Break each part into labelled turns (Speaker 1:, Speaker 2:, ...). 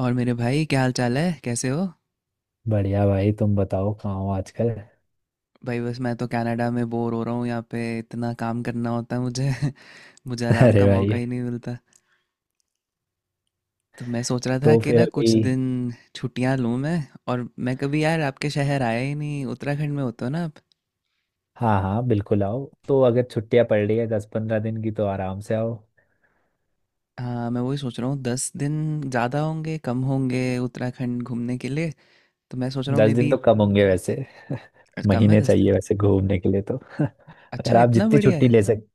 Speaker 1: और मेरे भाई क्या हाल चाल है कैसे हो?
Speaker 2: बढ़िया भाई, तुम बताओ कहाँ हो आजकल।
Speaker 1: भाई बस मैं तो कनाडा में बोर हो रहा हूँ यहाँ पे इतना काम करना होता है मुझे मुझे आराम
Speaker 2: अरे
Speaker 1: का मौका
Speaker 2: भाई।
Speaker 1: ही नहीं मिलता। तो मैं सोच रहा था
Speaker 2: तो
Speaker 1: कि
Speaker 2: फिर
Speaker 1: ना
Speaker 2: अभी।
Speaker 1: कुछ दिन छुट्टियाँ लूँ मैं। और मैं कभी यार आपके शहर आया ही नहीं, उत्तराखंड में होते हो ना आप।
Speaker 2: हाँ हाँ बिल्कुल आओ। तो अगर छुट्टियां पड़ रही है 10-15 दिन की तो आराम से आओ।
Speaker 1: हाँ मैं वही सोच रहा हूँ, 10 दिन ज़्यादा होंगे कम होंगे उत्तराखंड घूमने के लिए। तो मैं सोच रहा हूँ
Speaker 2: दस
Speaker 1: मे
Speaker 2: दिन
Speaker 1: बी
Speaker 2: तो कम होंगे वैसे।
Speaker 1: कम है
Speaker 2: महीने
Speaker 1: 10 दिन।
Speaker 2: चाहिए वैसे घूमने के लिए तो। अगर
Speaker 1: अच्छा
Speaker 2: आप
Speaker 1: इतना
Speaker 2: जितनी
Speaker 1: बढ़िया
Speaker 2: छुट्टी
Speaker 1: है।
Speaker 2: ले सक,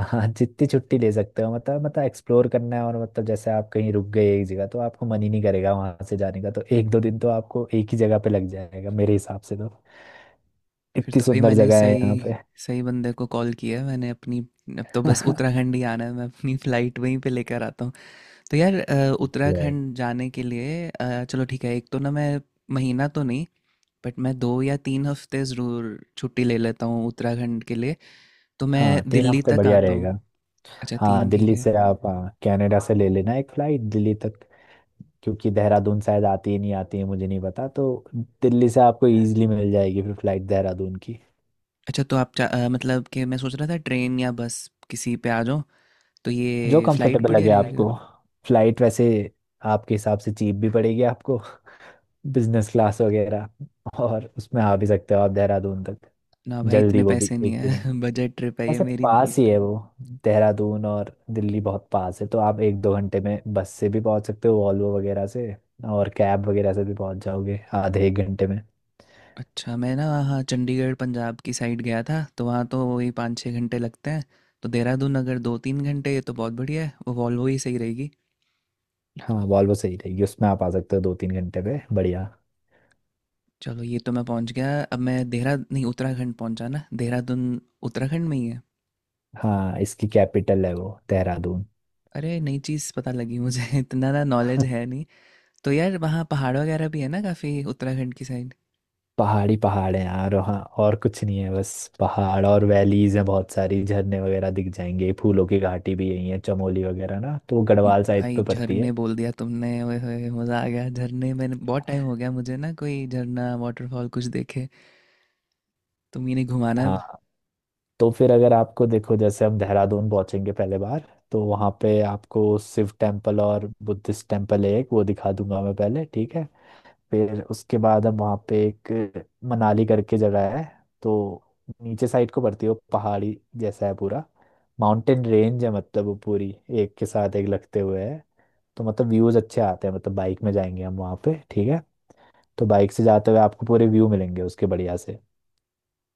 Speaker 2: हाँ जितनी छुट्टी ले सकते हो, मतलब एक्सप्लोर करना है। और मतलब जैसे आप कहीं रुक गए एक जगह तो आपको मन ही नहीं करेगा वहां से जाने का, तो एक दो दिन तो आपको एक ही जगह पे लग जाएगा मेरे हिसाब से तो।
Speaker 1: फिर
Speaker 2: इतनी
Speaker 1: तो भाई
Speaker 2: सुंदर
Speaker 1: मैंने
Speaker 2: जगह है
Speaker 1: सही
Speaker 2: यहाँ पे।
Speaker 1: सही बंदे को कॉल किया है। मैंने अपनी, अब तो बस उत्तराखंड ही आना है, मैं अपनी फ़्लाइट वहीं पे लेकर आता हूँ। तो यार
Speaker 2: भाई।
Speaker 1: उत्तराखंड जाने के लिए चलो ठीक है। एक तो ना मैं महीना तो नहीं बट मैं 2 या 3 हफ्ते ज़रूर छुट्टी ले लेता हूँ उत्तराखंड के लिए। तो मैं
Speaker 2: हाँ, तीन
Speaker 1: दिल्ली
Speaker 2: हफ्ते
Speaker 1: तक
Speaker 2: बढ़िया
Speaker 1: आता हूँ।
Speaker 2: रहेगा।
Speaker 1: अच्छा
Speaker 2: हाँ
Speaker 1: तीन ठीक
Speaker 2: दिल्ली
Speaker 1: है।
Speaker 2: से आप, हाँ, कनाडा से ले लेना एक फ्लाइट दिल्ली तक। क्योंकि देहरादून शायद आती है, नहीं आती है मुझे नहीं पता। तो दिल्ली से आपको इजीली मिल जाएगी फिर फ्लाइट देहरादून की।
Speaker 1: अच्छा तो आप मतलब कि मैं सोच रहा था ट्रेन या बस किसी पे आ जाऊँ। तो
Speaker 2: जो
Speaker 1: ये फ़्लाइट
Speaker 2: कंफर्टेबल
Speaker 1: बढ़िया
Speaker 2: लगे
Speaker 1: रहेगा।
Speaker 2: आपको। फ्लाइट वैसे आपके हिसाब से चीप भी पड़ेगी आपको, बिजनेस क्लास वगैरह, और उसमें आ भी सकते हो आप देहरादून तक
Speaker 1: ना भाई इतने
Speaker 2: जल्दी। वो भी
Speaker 1: पैसे नहीं
Speaker 2: एक दो
Speaker 1: है बजट ट्रिप है ये
Speaker 2: ऐसे
Speaker 1: मेरी।
Speaker 2: पास ही है वो। देहरादून और दिल्ली बहुत पास है, तो आप 1-2 घंटे में बस से भी पहुंच सकते हो, वॉल्वो वगैरह से। और कैब वगैरह से भी पहुंच जाओगे आधे एक घंटे में।
Speaker 1: अच्छा मैं ना वहाँ चंडीगढ़ पंजाब की साइड गया था, तो वहाँ तो वही 5-6 घंटे लगते हैं। तो देहरादून अगर 2-3 घंटे, ये तो बहुत बढ़िया है, वो वॉल्वो ही सही रहेगी।
Speaker 2: हाँ, वॉल्वो सही रहेगी, उसमें आप आ सकते हो 2-3 घंटे में, बढ़िया।
Speaker 1: चलो ये तो मैं पहुँच गया। अब मैं देहरा नहीं, उत्तराखंड पहुँचा ना, देहरादून उत्तराखंड में ही है।
Speaker 2: हाँ, इसकी कैपिटल है वो देहरादून।
Speaker 1: अरे नई चीज़ पता लगी मुझे इतना ना नॉलेज है नहीं। तो यार वहाँ पहाड़ वगैरह भी है ना काफ़ी, उत्तराखंड की साइड।
Speaker 2: पहाड़ी पहाड़ है यार वहाँ, और कुछ नहीं है बस। पहाड़ और वैलीज हैं बहुत सारी, झरने वगैरह दिख जाएंगे। फूलों की घाटी भी यही है, चमोली वगैरह ना, तो वो गढ़वाल साइड
Speaker 1: भाई
Speaker 2: पे पड़ती है।
Speaker 1: झरने बोल दिया तुमने, ओए होए मज़ा आ गया। झरने मैंने बहुत टाइम हो गया, मुझे ना कोई झरना वाटरफॉल कुछ देखे। तुम ही नहीं घुमाना।
Speaker 2: हाँ, तो फिर अगर आपको देखो, जैसे हम देहरादून पहुंचेंगे पहले बार, तो वहाँ पे आपको शिव टेम्पल और बुद्धिस्ट टेम्पल है एक, वो दिखा दूंगा मैं पहले, ठीक है। फिर उसके बाद हम वहाँ पे एक मनाली करके जगह है, तो नीचे साइड को पड़ती है वो, पहाड़ी जैसा है पूरा। माउंटेन रेंज है मतलब वो पूरी, एक के साथ एक लगते हुए है। तो मतलब व्यूज अच्छे आते हैं, मतलब बाइक में जाएंगे हम वहाँ पे, ठीक है। तो बाइक से जाते हुए आपको पूरे व्यू मिलेंगे उसके बढ़िया से।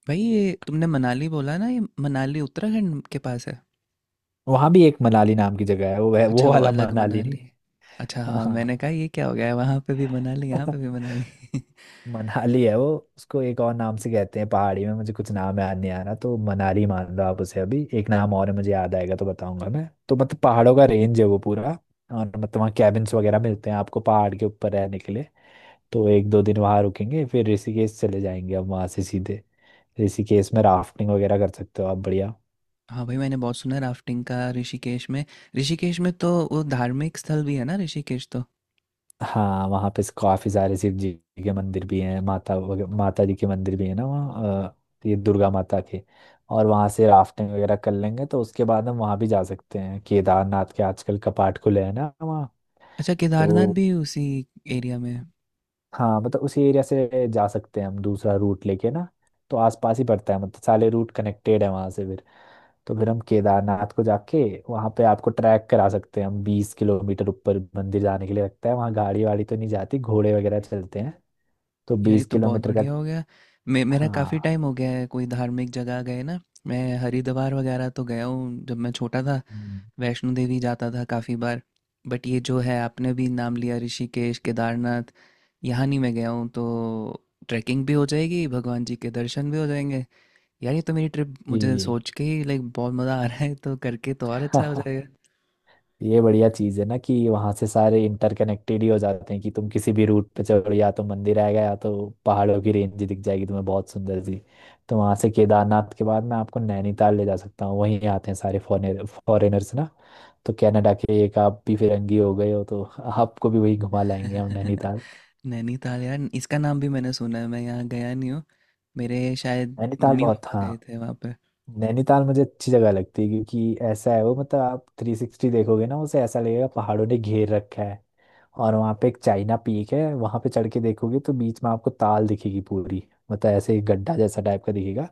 Speaker 1: भाई ये तुमने मनाली बोला ना, ये मनाली उत्तराखंड के पास है?
Speaker 2: वहाँ भी एक मनाली नाम की जगह है, वो
Speaker 1: अच्छा
Speaker 2: वो
Speaker 1: वो
Speaker 2: वाला
Speaker 1: अलग
Speaker 2: मनाली नहीं।
Speaker 1: मनाली। अच्छा हाँ, मैंने
Speaker 2: हाँ।
Speaker 1: कहा ये क्या हो गया है, वहाँ पे भी मनाली यहाँ पे भी मनाली।
Speaker 2: मनाली है वो। उसको एक और नाम से कहते हैं पहाड़ी में, मुझे कुछ नाम याद नहीं आ रहा, तो मनाली मान लो आप उसे अभी, एक नाम और है मुझे याद आएगा तो बताऊंगा मैं। तो मतलब पहाड़ों का रेंज है वो पूरा। और मतलब वहाँ कैबिन्स वगैरह मिलते हैं आपको पहाड़ के ऊपर रहने के लिए। तो एक दो दिन वहाँ रुकेंगे, फिर ऋषिकेश चले जाएंगे अब वहाँ से सीधे। ऋषिकेश में राफ्टिंग वगैरह कर सकते हो आप, बढ़िया।
Speaker 1: हाँ भाई, मैंने बहुत सुना है राफ्टिंग का ऋषिकेश में। ऋषिकेश में तो वो धार्मिक स्थल भी है ना ऋषिकेश तो।
Speaker 2: हाँ, वहाँ पे काफी सारे शिव जी के मंदिर भी हैं, माता माता जी के मंदिर भी है ना वहाँ, ये दुर्गा माता के। और वहाँ से राफ्टिंग वगैरह कर लेंगे, तो उसके बाद हम वहाँ भी जा सकते हैं केदारनाथ के। आजकल कपाट खुले हैं ना वहाँ,
Speaker 1: अच्छा केदारनाथ
Speaker 2: तो
Speaker 1: भी उसी एरिया में है?
Speaker 2: हाँ मतलब उसी एरिया से जा सकते हैं हम दूसरा रूट लेके ना। तो आसपास ही पड़ता है, मतलब सारे रूट कनेक्टेड है वहाँ से फिर। तो फिर हम केदारनाथ को जाके, वहाँ पे आपको ट्रैक करा सकते हैं हम। 20 किलोमीटर ऊपर मंदिर जाने के लिए लगता है, वहाँ गाड़ी वाड़ी तो नहीं जाती, घोड़े वगैरह चलते हैं। तो
Speaker 1: यार ये
Speaker 2: बीस
Speaker 1: तो बहुत
Speaker 2: किलोमीटर का।
Speaker 1: बढ़िया हो गया। मे मेरा काफ़ी
Speaker 2: हाँ।
Speaker 1: टाइम हो गया है कोई धार्मिक जगह गए ना। मैं हरिद्वार वगैरह तो गया हूँ जब मैं छोटा था।
Speaker 2: हम्म।
Speaker 1: वैष्णो देवी जाता था काफ़ी बार। बट ये जो है आपने भी नाम लिया, ऋषिकेश केदारनाथ यहाँ नहीं मैं गया हूँ, तो ट्रैकिंग भी हो जाएगी, भगवान जी के दर्शन भी हो जाएंगे। यार ये तो मेरी ट्रिप
Speaker 2: जी
Speaker 1: मुझे
Speaker 2: जी।
Speaker 1: सोच के ही लाइक बहुत मज़ा आ रहा है, तो करके तो और अच्छा हो जाएगा।
Speaker 2: ये बढ़िया चीज़ है ना कि वहाँ से सारे इंटरकनेक्टेड ही हो जाते हैं, कि तुम किसी भी रूट पे चढ़ो या तो मंदिर आएगा या तो पहाड़ों की रेंज दिख जाएगी तुम्हें, बहुत सुंदर सी। तो वहाँ से केदारनाथ के बाद मैं आपको नैनीताल ले जा सकता हूँ। वहीं आते हैं सारे फॉरेनर फॉरेनर्स ना, तो कनाडा के एक आप भी फिरंगी हो गए हो, तो आपको भी वही घुमा लाएंगे हम, नैनीताल।
Speaker 1: नैनीताल यार, इसका नाम भी मैंने सुना है, मैं यहाँ गया नहीं हूँ। मेरे शायद
Speaker 2: नैनीताल
Speaker 1: मम्मी
Speaker 2: बहुत,
Speaker 1: पापा
Speaker 2: हाँ
Speaker 1: गए थे वहाँ पे।
Speaker 2: नैनीताल मुझे अच्छी जगह लगती है क्योंकि ऐसा है वो, मतलब आप 360 देखोगे ना उसे, ऐसा लगेगा पहाड़ों ने घेर रखा है। और वहाँ पे एक चाइना पीक है, वहाँ पे चढ़ के देखोगे तो बीच में आपको ताल दिखेगी पूरी। मतलब ऐसे एक गड्ढा जैसा टाइप का दिखेगा,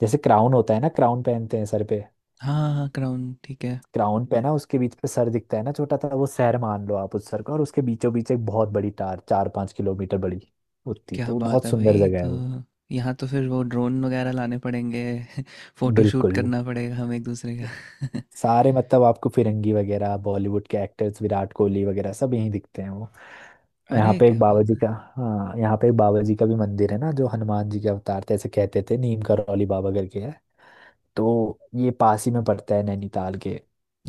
Speaker 2: जैसे क्राउन होता है ना, क्राउन पहनते हैं सर पे।
Speaker 1: हाँ हाँ, क्राउन ठीक है।
Speaker 2: क्राउन पहना उसके बीच पे सर दिखता है ना छोटा सा, वो शहर मान लो आप उस सर का, और उसके बीचों बीच एक बहुत बड़ी टार, 4-5 किलोमीटर बड़ी उतनी,
Speaker 1: क्या
Speaker 2: तो वो
Speaker 1: बात
Speaker 2: बहुत
Speaker 1: है
Speaker 2: सुंदर
Speaker 1: भाई!
Speaker 2: जगह
Speaker 1: तो
Speaker 2: है वो।
Speaker 1: यहाँ तो फिर वो ड्रोन वगैरह लाने पड़ेंगे फोटो शूट
Speaker 2: बिल्कुल,
Speaker 1: करना पड़ेगा हम एक दूसरे का।
Speaker 2: सारे मतलब आपको फिरंगी वगैरह, बॉलीवुड के एक्टर्स विराट कोहली वगैरह सब यहीं दिखते हैं वो। और यहाँ
Speaker 1: अरे
Speaker 2: पे एक
Speaker 1: क्या
Speaker 2: बाबा
Speaker 1: बात
Speaker 2: जी
Speaker 1: है!
Speaker 2: का, हाँ यहाँ पे एक बाबा जी का भी मंदिर है ना, जो हनुमान जी के अवतार थे ऐसे कहते थे, नीम करौली बाबा करके है। तो ये पास ही में पड़ता है नैनीताल के,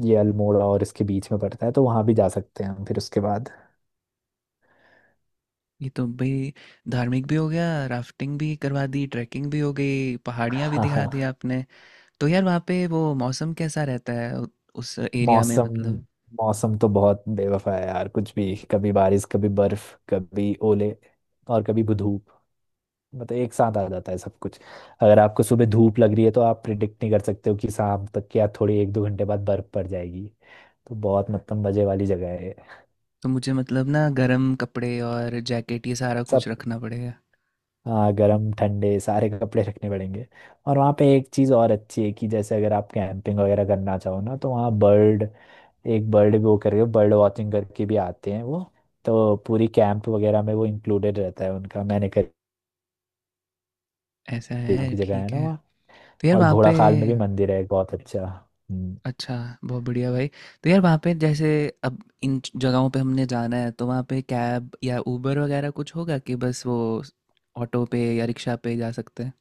Speaker 2: ये अल्मोड़ा और इसके बीच में पड़ता है, तो वहाँ भी जा सकते हैं हम फिर उसके बाद।
Speaker 1: ये तो भाई धार्मिक भी हो गया, राफ्टिंग भी करवा दी, ट्रैकिंग भी हो गई, पहाड़ियाँ भी
Speaker 2: हाँ
Speaker 1: दिखा दी
Speaker 2: हाँ।
Speaker 1: आपने। तो यार वहाँ पे वो मौसम कैसा रहता है उस एरिया में
Speaker 2: मौसम,
Speaker 1: मतलब?
Speaker 2: मौसम तो बहुत बेवफा है यार, कुछ भी, कभी बारिश कभी बर्फ कभी ओले और कभी धूप। मतलब एक साथ आ जाता है सब कुछ। अगर आपको सुबह धूप लग रही है तो आप प्रिडिक्ट नहीं कर सकते हो कि शाम तक या थोड़ी 1-2 घंटे बाद बर्फ पड़ जाएगी। तो बहुत मतलब मजे वाली जगह है ये।
Speaker 1: तो मुझे मतलब ना गर्म कपड़े और जैकेट ये सारा कुछ
Speaker 2: सब,
Speaker 1: रखना पड़ेगा।
Speaker 2: हाँ गर्म ठंडे सारे कपड़े रखने पड़ेंगे। और वहाँ पे एक चीज़ और अच्छी है कि जैसे अगर आप कैंपिंग वगैरह करना चाहो ना, तो वहाँ बर्ड, एक बर्ड वो करके बर्ड वॉचिंग करके भी आते हैं वो। तो पूरी कैंप वगैरह में वो इंक्लूडेड रहता है उनका, मैंने
Speaker 1: ऐसा
Speaker 2: नाम
Speaker 1: है,
Speaker 2: की जगह है
Speaker 1: ठीक
Speaker 2: ना
Speaker 1: है।
Speaker 2: वहाँ।
Speaker 1: तो यार
Speaker 2: और
Speaker 1: वहाँ पे,
Speaker 2: घोड़ाखाल में भी मंदिर है एक बहुत अच्छा। हम्म।
Speaker 1: अच्छा बहुत बढ़िया भाई। तो यार वहाँ पे जैसे अब इन जगहों पे हमने जाना है, तो वहाँ पे कैब या उबर वगैरह कुछ होगा कि बस वो ऑटो पे या रिक्शा पे जा सकते हैं?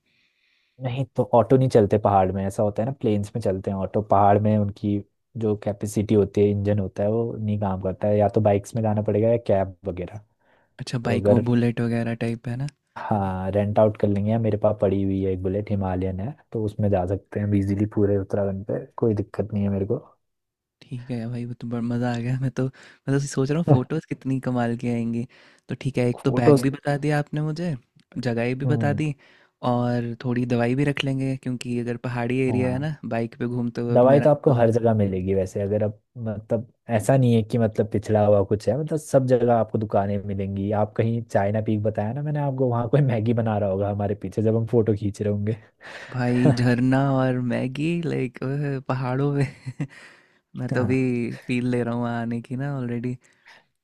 Speaker 2: नहीं तो ऑटो नहीं चलते पहाड़ में, ऐसा होता है ना प्लेन्स में चलते हैं ऑटो, पहाड़ में उनकी जो कैपेसिटी होती है, इंजन होता है वो नहीं काम करता है, या तो बाइक्स में जाना पड़ेगा या कैब वगैरह।
Speaker 1: अच्छा
Speaker 2: तो
Speaker 1: बाइक वो
Speaker 2: अगर,
Speaker 1: बुलेट वगैरह टाइप है ना।
Speaker 2: हाँ रेंट आउट कर लेंगे, या मेरे पास पड़ी हुई है एक बुलेट, हिमालयन है, तो उसमें जा सकते हैं इजीली पूरे उत्तराखंड पे, कोई दिक्कत नहीं है मेरे को।
Speaker 1: ठीक है भाई वो तो बड़ा मज़ा आ गया। मैं तो सोच रहा हूँ फोटोज़ कितनी कमाल की आएंगी। तो ठीक है, एक तो बैग
Speaker 2: फोटोज।
Speaker 1: भी बता दिया आपने मुझे, जगह भी बता
Speaker 2: हम्म।
Speaker 1: दी। और थोड़ी दवाई भी रख लेंगे, क्योंकि अगर पहाड़ी एरिया है
Speaker 2: हाँ
Speaker 1: ना बाइक पे घूमते हुए
Speaker 2: दवाई तो
Speaker 1: मेरा
Speaker 2: आपको
Speaker 1: तो।
Speaker 2: हर जगह मिलेगी वैसे, अगर आप, मतलब ऐसा नहीं है कि मतलब पिछड़ा हुआ कुछ है, मतलब सब जगह आपको दुकानें मिलेंगी। आप कहीं, चाइना पीक बताया ना मैंने आपको, वहाँ कोई मैगी बना रहा होगा हमारे पीछे जब हम फोटो खींच रहे होंगे।
Speaker 1: भाई झरना और मैगी, लाइक पहाड़ों में! मैं तो
Speaker 2: हाँ,
Speaker 1: अभी फील ले रहा हूँ वहाँ आने की ना ऑलरेडी।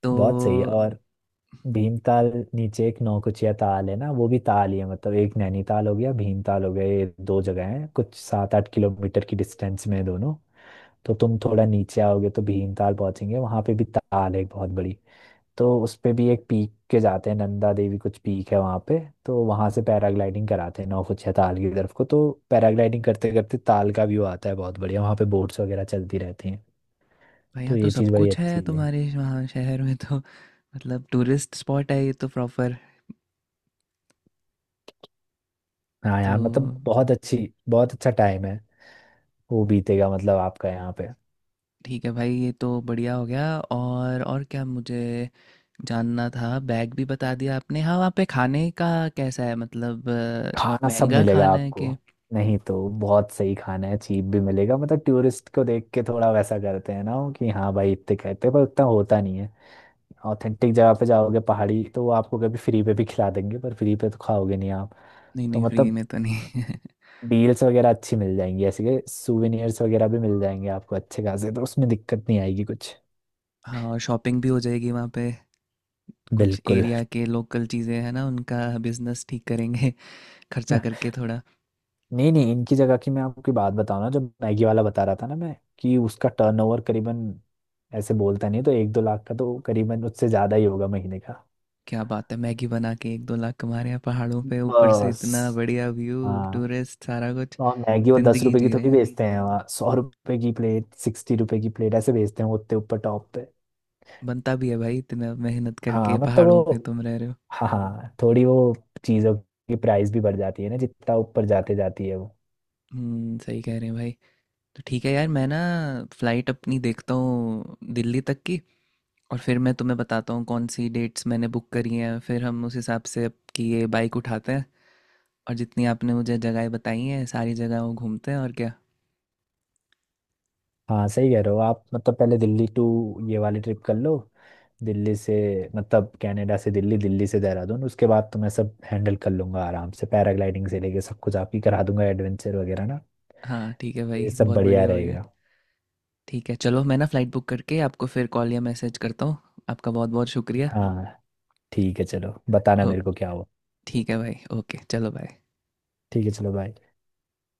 Speaker 1: तो
Speaker 2: बहुत सही है। और भीमताल, नीचे एक नौकुचिया ताल है ना, वो भी ताल ही है, मतलब एक नैनीताल हो गया, भीमताल हो गया, ये दो जगह हैं कुछ 7-8 किलोमीटर की डिस्टेंस में है दोनों। तो तुम थोड़ा नीचे आओगे तो भीमताल पहुंचेंगे, वहां पे भी ताल है एक बहुत बड़ी। तो उस पे भी एक पीक के जाते हैं, नंदा देवी कुछ पीक है वहाँ पे। तो वहाँ से पैराग्लाइडिंग कराते हैं नौकुचिया ताल की तरफ को, तो पैराग्लाइडिंग करते करते ताल का व्यू आता है बहुत बढ़िया। वहाँ पे बोट्स वगैरह चलती रहती हैं।
Speaker 1: भाई
Speaker 2: तो
Speaker 1: यहाँ तो
Speaker 2: ये
Speaker 1: सब
Speaker 2: चीज़ बड़ी
Speaker 1: कुछ
Speaker 2: अच्छी
Speaker 1: है
Speaker 2: है।
Speaker 1: तुम्हारे वहाँ शहर में तो मतलब टूरिस्ट स्पॉट है ये तो प्रॉपर।
Speaker 2: हाँ
Speaker 1: तो
Speaker 2: यार मतलब बहुत अच्छी, बहुत अच्छा टाइम है वो बीतेगा मतलब आपका यहाँ पे।
Speaker 1: ठीक है भाई, ये तो बढ़िया हो गया। और क्या मुझे जानना था, बैग भी बता दिया आपने। हाँ वहाँ पे खाने का कैसा है, मतलब
Speaker 2: खाना सब
Speaker 1: महंगा
Speaker 2: मिलेगा
Speaker 1: खाना है
Speaker 2: आपको,
Speaker 1: कि?
Speaker 2: नहीं तो बहुत सही खाना है, चीप भी मिलेगा, मतलब टूरिस्ट को देख के थोड़ा वैसा करते हैं ना वो कि हाँ भाई इतने कहते हैं, पर उतना होता नहीं है। ऑथेंटिक जगह पे जाओगे पहाड़ी, तो वो आपको कभी फ्री पे भी खिला देंगे, पर फ्री पे तो खाओगे नहीं आप।
Speaker 1: नहीं
Speaker 2: तो
Speaker 1: नहीं, फ्री
Speaker 2: मतलब
Speaker 1: में तो नहीं
Speaker 2: डील्स वगैरह अच्छी मिल जाएंगी, ऐसे के सुवेनियर्स वगैरह भी मिल जाएंगे आपको अच्छे खासे, तो उसमें दिक्कत नहीं आएगी कुछ।
Speaker 1: हाँ और शॉपिंग भी हो जाएगी वहाँ पे, कुछ
Speaker 2: बिल्कुल।
Speaker 1: एरिया के लोकल चीज़ें हैं ना उनका बिजनेस ठीक करेंगे, खर्चा करके थोड़ा।
Speaker 2: नहीं नहीं, इनकी जगह की मैं आपकी बात बताऊं ना, जो मैगी वाला बता रहा था ना मैं, कि उसका टर्नओवर करीबन, ऐसे बोलता नहीं, तो 1-2 लाख का तो करीबन, उससे ज्यादा ही होगा महीने का।
Speaker 1: क्या बात है! मैगी बना के 1-2 लाख कमा रहे हैं पहाड़ों पे, ऊपर से इतना
Speaker 2: बस।
Speaker 1: बढ़िया व्यू,
Speaker 2: हाँ,
Speaker 1: टूरिस्ट, सारा कुछ,
Speaker 2: और मैगी वो दस
Speaker 1: जिंदगी
Speaker 2: रुपए की
Speaker 1: जी रहे
Speaker 2: थोड़ी
Speaker 1: हैं।
Speaker 2: बेचते हैं वहाँ, 100 रुपए की प्लेट, 60 रुपए की प्लेट ऐसे बेचते हैं वो उतने ऊपर टॉप पे।
Speaker 1: बनता भी है भाई, इतना मेहनत करके
Speaker 2: हाँ मतलब
Speaker 1: पहाड़ों पे
Speaker 2: वो,
Speaker 1: तुम रह रहे हो।
Speaker 2: हाँ हाँ थोड़ी वो चीज़ों की प्राइस भी बढ़ जाती है ना जितना ऊपर जाते जाती है वो।
Speaker 1: सही कह रहे हैं भाई। तो ठीक है यार, मैं ना फ्लाइट अपनी देखता हूँ दिल्ली तक की, और फिर मैं तुम्हें बताता हूँ कौन सी डेट्स मैंने बुक करी हैं, फिर हम उस हिसाब से आपकी ये बाइक उठाते हैं। और जितनी आपने मुझे जगहें बताई हैं सारी जगहों घूमते हैं और क्या।
Speaker 2: हाँ सही कह रहे हो आप, मतलब पहले दिल्ली टू, ये वाली ट्रिप कर लो। दिल्ली से, मतलब कनाडा से दिल्ली, दिल्ली से देहरादून, उसके बाद तो मैं सब हैंडल कर लूंगा आराम से, पैराग्लाइडिंग से लेके सब कुछ आप ही करा दूंगा एडवेंचर वगैरह ना।
Speaker 1: हाँ ठीक है भाई,
Speaker 2: ये सब
Speaker 1: बहुत
Speaker 2: बढ़िया
Speaker 1: बढ़िया हो गया।
Speaker 2: रहेगा।
Speaker 1: ठीक है चलो, मैं ना फ़्लाइट बुक करके आपको फिर कॉल या मैसेज करता हूँ। आपका बहुत बहुत शुक्रिया।
Speaker 2: हाँ ठीक है चलो, बताना
Speaker 1: ओ
Speaker 2: मेरे को क्या हुआ।
Speaker 1: ठीक है भाई, ओके चलो बाय।
Speaker 2: ठीक है चलो बाय।